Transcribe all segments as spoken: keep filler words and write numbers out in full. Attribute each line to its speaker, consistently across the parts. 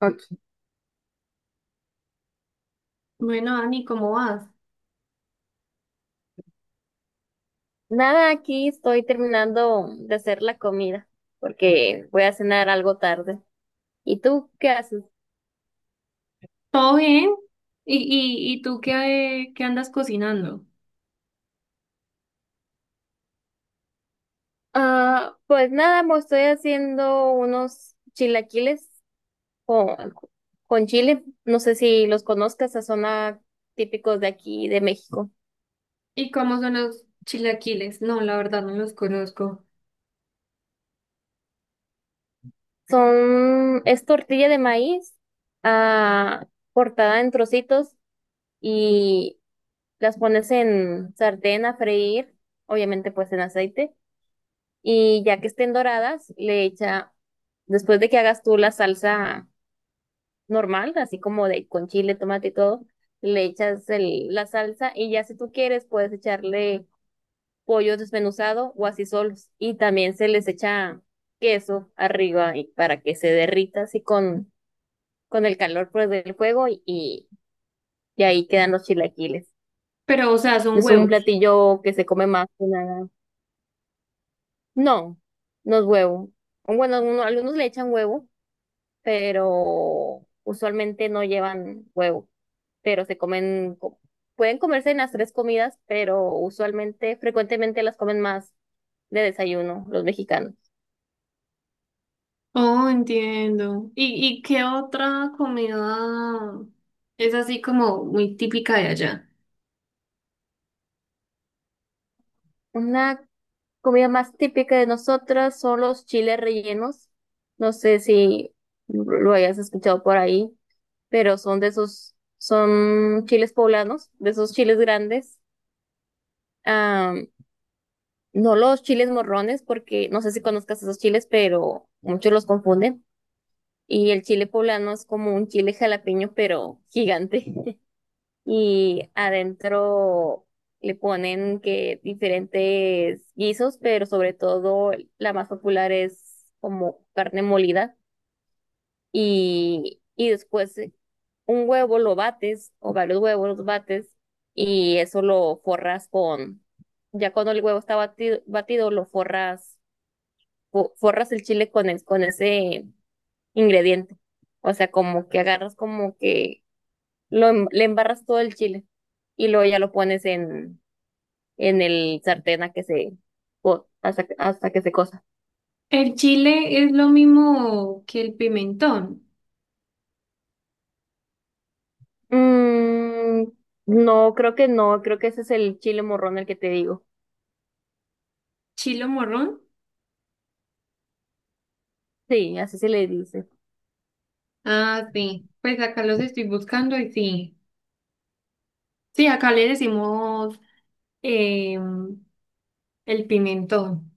Speaker 1: Ok.
Speaker 2: Bueno, Dani, ¿cómo vas?
Speaker 1: Nada, aquí estoy terminando de hacer la comida porque voy a cenar algo tarde. ¿Y tú qué haces?
Speaker 2: ¿Todo bien? ¿Y, y, y tú qué, qué andas cocinando?
Speaker 1: Ah, pues nada, me estoy haciendo unos chilaquiles con, con chile. No sé si los conozcas, son ah, típicos de aquí, de México.
Speaker 2: ¿Y cómo son los chilaquiles? No, la verdad no los conozco.
Speaker 1: Son, es tortilla de maíz, ah, cortada en trocitos y las pones en sartén a freír, obviamente pues en aceite. Y ya que estén doradas, le echa, después de que hagas tú la salsa normal, así como de con chile, tomate y todo, le echas el, la salsa y ya si tú quieres puedes echarle pollo desmenuzado o así solos. Y también se les echa queso arriba y para que se derrita así con, con el calor pues, del fuego y, y y ahí quedan los chilaquiles.
Speaker 2: Pero, o sea, son
Speaker 1: Es un
Speaker 2: huevos.
Speaker 1: platillo que se come más que nada. No, no es huevo. Bueno, uno- algunos le echan huevo pero usualmente no llevan huevo, pero se comen, co- pueden comerse en las tres comidas, pero usualmente, frecuentemente las comen más de desayuno los mexicanos.
Speaker 2: Oh, entiendo. ¿Y, y qué otra comida es así como muy típica de allá?
Speaker 1: Una comida más típica de nosotras son los chiles rellenos. No sé si lo hayas escuchado por ahí, pero son de esos, son chiles poblanos, de esos chiles grandes. No los chiles morrones, porque no sé si conozcas esos chiles, pero muchos los confunden. Y el chile poblano es como un chile jalapeño, pero gigante. Y adentro le ponen que diferentes guisos, pero sobre todo la más popular es como carne molida. Y, y después eh, un huevo lo bates, o varios huevos los bates, y eso lo forras con, ya cuando el huevo está batido, batido lo forras fo- forras el chile con, es- con ese ingrediente. O sea, como que agarras como que lo, em- le embarras todo el chile y luego ya lo pones en, en el sartén a que se, co- hasta, que- hasta que se cosa.
Speaker 2: El chile es lo mismo que el pimentón.
Speaker 1: Mm, no, creo que no, creo que ese es el chile morrón el que te digo.
Speaker 2: ¿Chilo morrón?
Speaker 1: Sí, así se le dice.
Speaker 2: Ah, sí. Pues acá los estoy buscando y sí. Sí, acá le decimos em, el pimentón.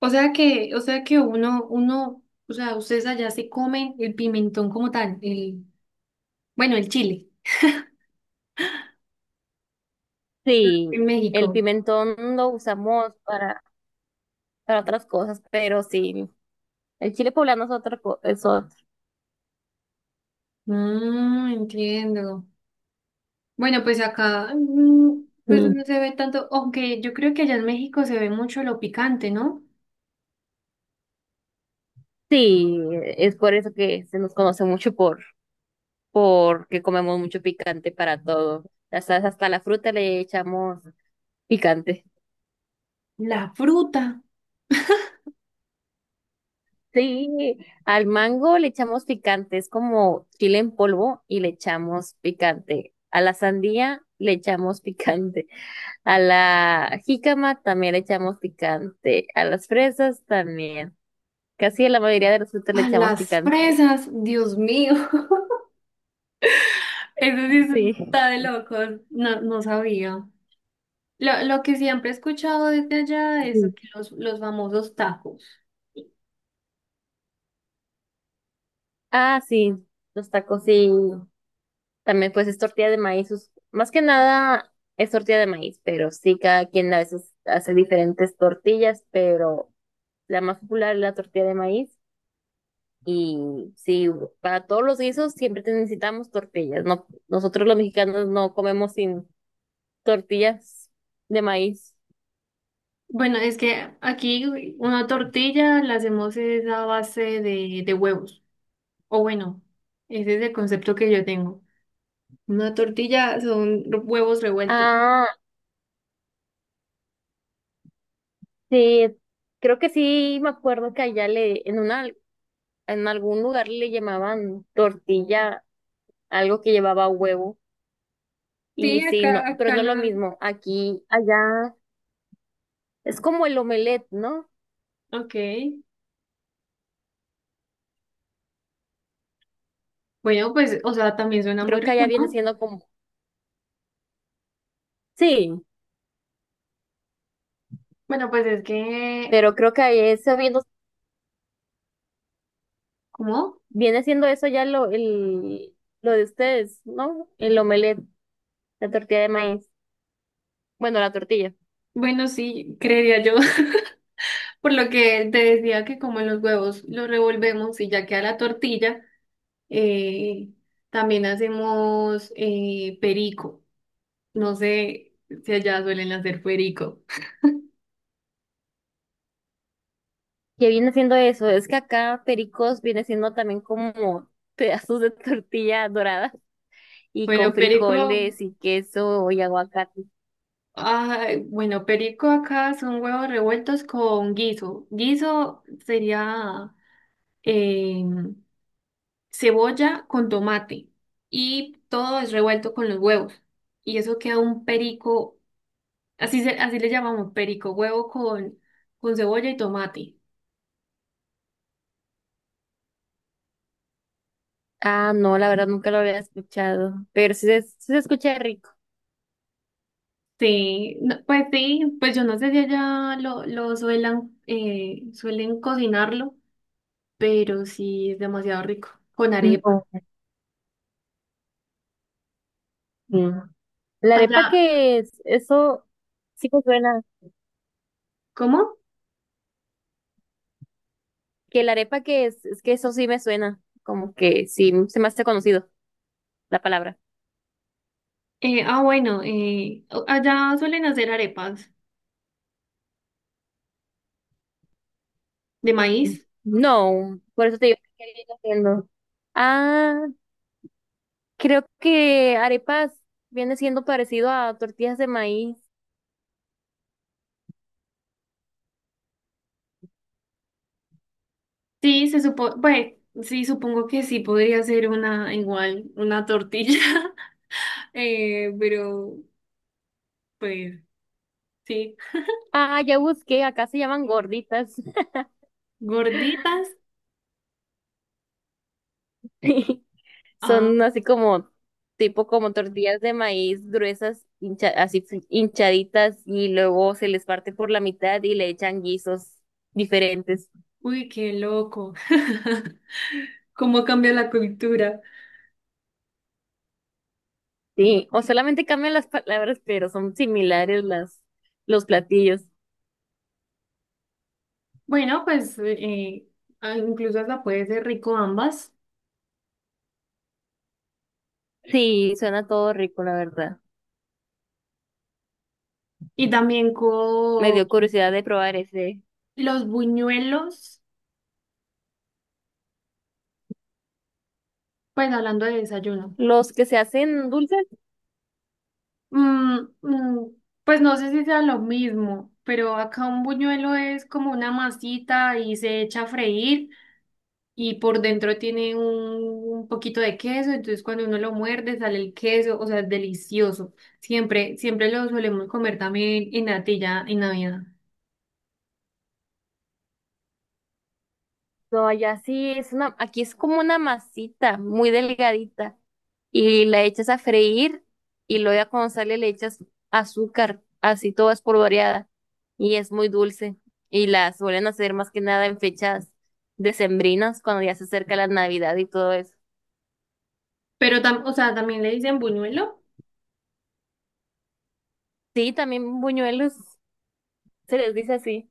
Speaker 2: O sea que, o sea que uno, uno, o sea, ustedes allá se comen el pimentón como tal, el, bueno, el chile,
Speaker 1: Sí,
Speaker 2: en
Speaker 1: el
Speaker 2: México.
Speaker 1: pimentón lo usamos para, para otras cosas, pero sí, el chile poblano es otra cosa, es otro.
Speaker 2: Mm, entiendo. Bueno, pues acá, mm, pues no
Speaker 1: Sí.
Speaker 2: se ve tanto, aunque yo creo que allá en México se ve mucho lo picante, ¿no?
Speaker 1: Sí, es por eso que se nos conoce mucho por porque comemos mucho picante para todo. Hasta, hasta la fruta le echamos picante.
Speaker 2: La fruta,
Speaker 1: Sí, al mango le echamos picante, es como chile en polvo y le echamos picante. A la sandía le echamos picante. A la jícama también le echamos picante. A las fresas también. Casi a la mayoría de las frutas le
Speaker 2: a
Speaker 1: echamos
Speaker 2: las
Speaker 1: picante.
Speaker 2: fresas, Dios mío, eso sí
Speaker 1: Sí.
Speaker 2: está de locos, no, no sabía. Lo, lo que siempre he escuchado desde allá es
Speaker 1: Sí.
Speaker 2: que los, los famosos tacos.
Speaker 1: Ah, sí, los tacos sí. También pues es tortilla de maíz. sus- Más que nada es tortilla de maíz, pero sí, cada quien a veces hace diferentes tortillas, pero la más popular es la tortilla de maíz. Y sí, para todos los guisos siempre te- necesitamos tortillas. No, nosotros los mexicanos no comemos sin tortillas de maíz.
Speaker 2: Bueno, es que aquí una tortilla la hacemos es a base de, de huevos. O bueno, ese es el concepto que yo tengo. Una tortilla son huevos revueltos.
Speaker 1: Ah, sí, creo que sí, me acuerdo que allá le, en una, en algún lugar le llamaban tortilla, algo que llevaba huevo.
Speaker 2: Sí,
Speaker 1: Y sí, no,
Speaker 2: acá,
Speaker 1: pero
Speaker 2: acá
Speaker 1: no lo
Speaker 2: lo...
Speaker 1: mismo. Aquí, allá, es como el omelette, ¿no?
Speaker 2: Ok. Bueno, pues, o sea, también suena muy
Speaker 1: Creo que
Speaker 2: rico,
Speaker 1: allá viene
Speaker 2: ¿no?
Speaker 1: siendo como, sí,
Speaker 2: Bueno, pues es que...
Speaker 1: pero creo que ahí eso viendo,
Speaker 2: ¿Cómo?
Speaker 1: viene siendo eso ya lo, el, lo de ustedes, ¿no? El omelette, la tortilla de maíz. Bueno, la tortilla.
Speaker 2: Bueno, sí, creería yo. Por lo que te decía que como los huevos los revolvemos y ya queda la tortilla, eh, también hacemos eh, perico. No sé si allá suelen hacer perico.
Speaker 1: ¿Qué viene siendo eso? Es que acá pericos viene siendo también como pedazos de tortilla dorada y con
Speaker 2: Bueno, perico,
Speaker 1: frijoles y queso y aguacate.
Speaker 2: ay, bueno, perico acá son huevos revueltos con guiso. Guiso sería eh, cebolla con tomate y todo es revuelto con los huevos. Y eso queda un perico, así, se- así le llamamos perico, huevo con, con cebolla y tomate.
Speaker 1: Ah, no, la verdad nunca lo había escuchado, pero sí se, sí se escucha rico.
Speaker 2: Sí, no, pues sí, pues yo no sé si allá lo, lo suelan, eh, suelen cocinarlo. Pero sí es demasiado rico, con arepa.
Speaker 1: No. La arepa
Speaker 2: Allá,
Speaker 1: que es, eso sí me suena.
Speaker 2: ¿cómo?
Speaker 1: Que la arepa que es, es que eso sí me suena. Como que sí, se me hace conocido la palabra.
Speaker 2: Eh, ah, bueno, eh, o- allá suelen hacer arepas de maíz.
Speaker 1: No, por eso te digo que viene siendo. Ah, creo que arepas viene siendo parecido a tortillas de maíz.
Speaker 2: Sí, se supo, pues, sí, supongo que sí podría ser una igual, una tortilla, eh, pero pues sí,
Speaker 1: Ah, ya busqué, acá se llaman gorditas.
Speaker 2: gorditas. Ah,
Speaker 1: Son así como, tipo como tortillas de maíz gruesas, hincha- así fri- hinchaditas, y luego se les parte por la mitad y le echan guisos diferentes.
Speaker 2: uy, qué loco. ¿Cómo cambia la cultura?
Speaker 1: Sí, o solamente cambian las palabras, pero son similares las, los platillos.
Speaker 2: Bueno, pues eh, ah, incluso hasta puede ser rico ambas.
Speaker 1: Sí, suena todo rico, la verdad.
Speaker 2: Y también
Speaker 1: Me
Speaker 2: con
Speaker 1: dio curiosidad de probar ese.
Speaker 2: los buñuelos, pues hablando de desayuno,
Speaker 1: Los que se hacen dulces.
Speaker 2: mm, mm, pues no sé si sea lo mismo, pero acá un buñuelo es como una masita y se echa a freír y por dentro tiene un, un poquito de queso, entonces cuando uno lo muerde sale el queso, o sea, es delicioso. Siempre, siempre lo solemos comer también en natilla en Navidad.
Speaker 1: No, allá sí es una, aquí es como una masita muy delgadita y la echas a freír y luego ya cuando sale le echas azúcar, así toda espolvoreada y es muy dulce y la suelen hacer más que nada en fechas decembrinas cuando ya se acerca la Navidad y todo eso.
Speaker 2: Pero tam- o sea, también le dicen buñuelo
Speaker 1: Sí, también buñuelos se les dice así.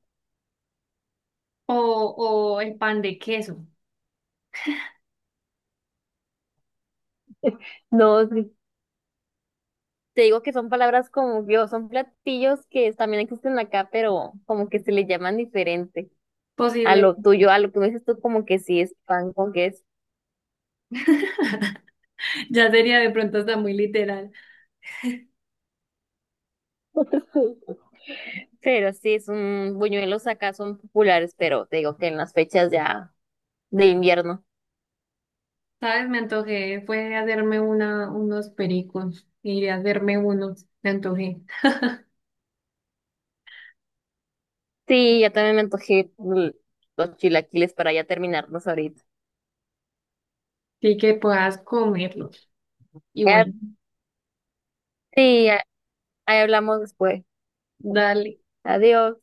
Speaker 2: o, o el pan de queso.
Speaker 1: No, sí, te digo que son palabras como yo, son platillos que también existen acá, pero como que se les llaman diferente. A
Speaker 2: Posible.
Speaker 1: lo tuyo, a lo que me dices tú, como que sí es pan con que es,
Speaker 2: Ya sería de pronto hasta muy literal.
Speaker 1: pero sí es un buñuelos acá son populares, pero te digo que en las fechas ya de invierno.
Speaker 2: ¿Sabes? Me antojé. Fue hacerme una, unos pericos. Iré a hacerme unos. Me antojé.
Speaker 1: Sí, ya también me antojé mm, los chilaquiles para ya terminarnos ahorita.
Speaker 2: Así que puedas comerlos. Y
Speaker 1: Ya,
Speaker 2: bueno,
Speaker 1: Sí, ya- ahí hablamos después.
Speaker 2: dale.
Speaker 1: Adiós.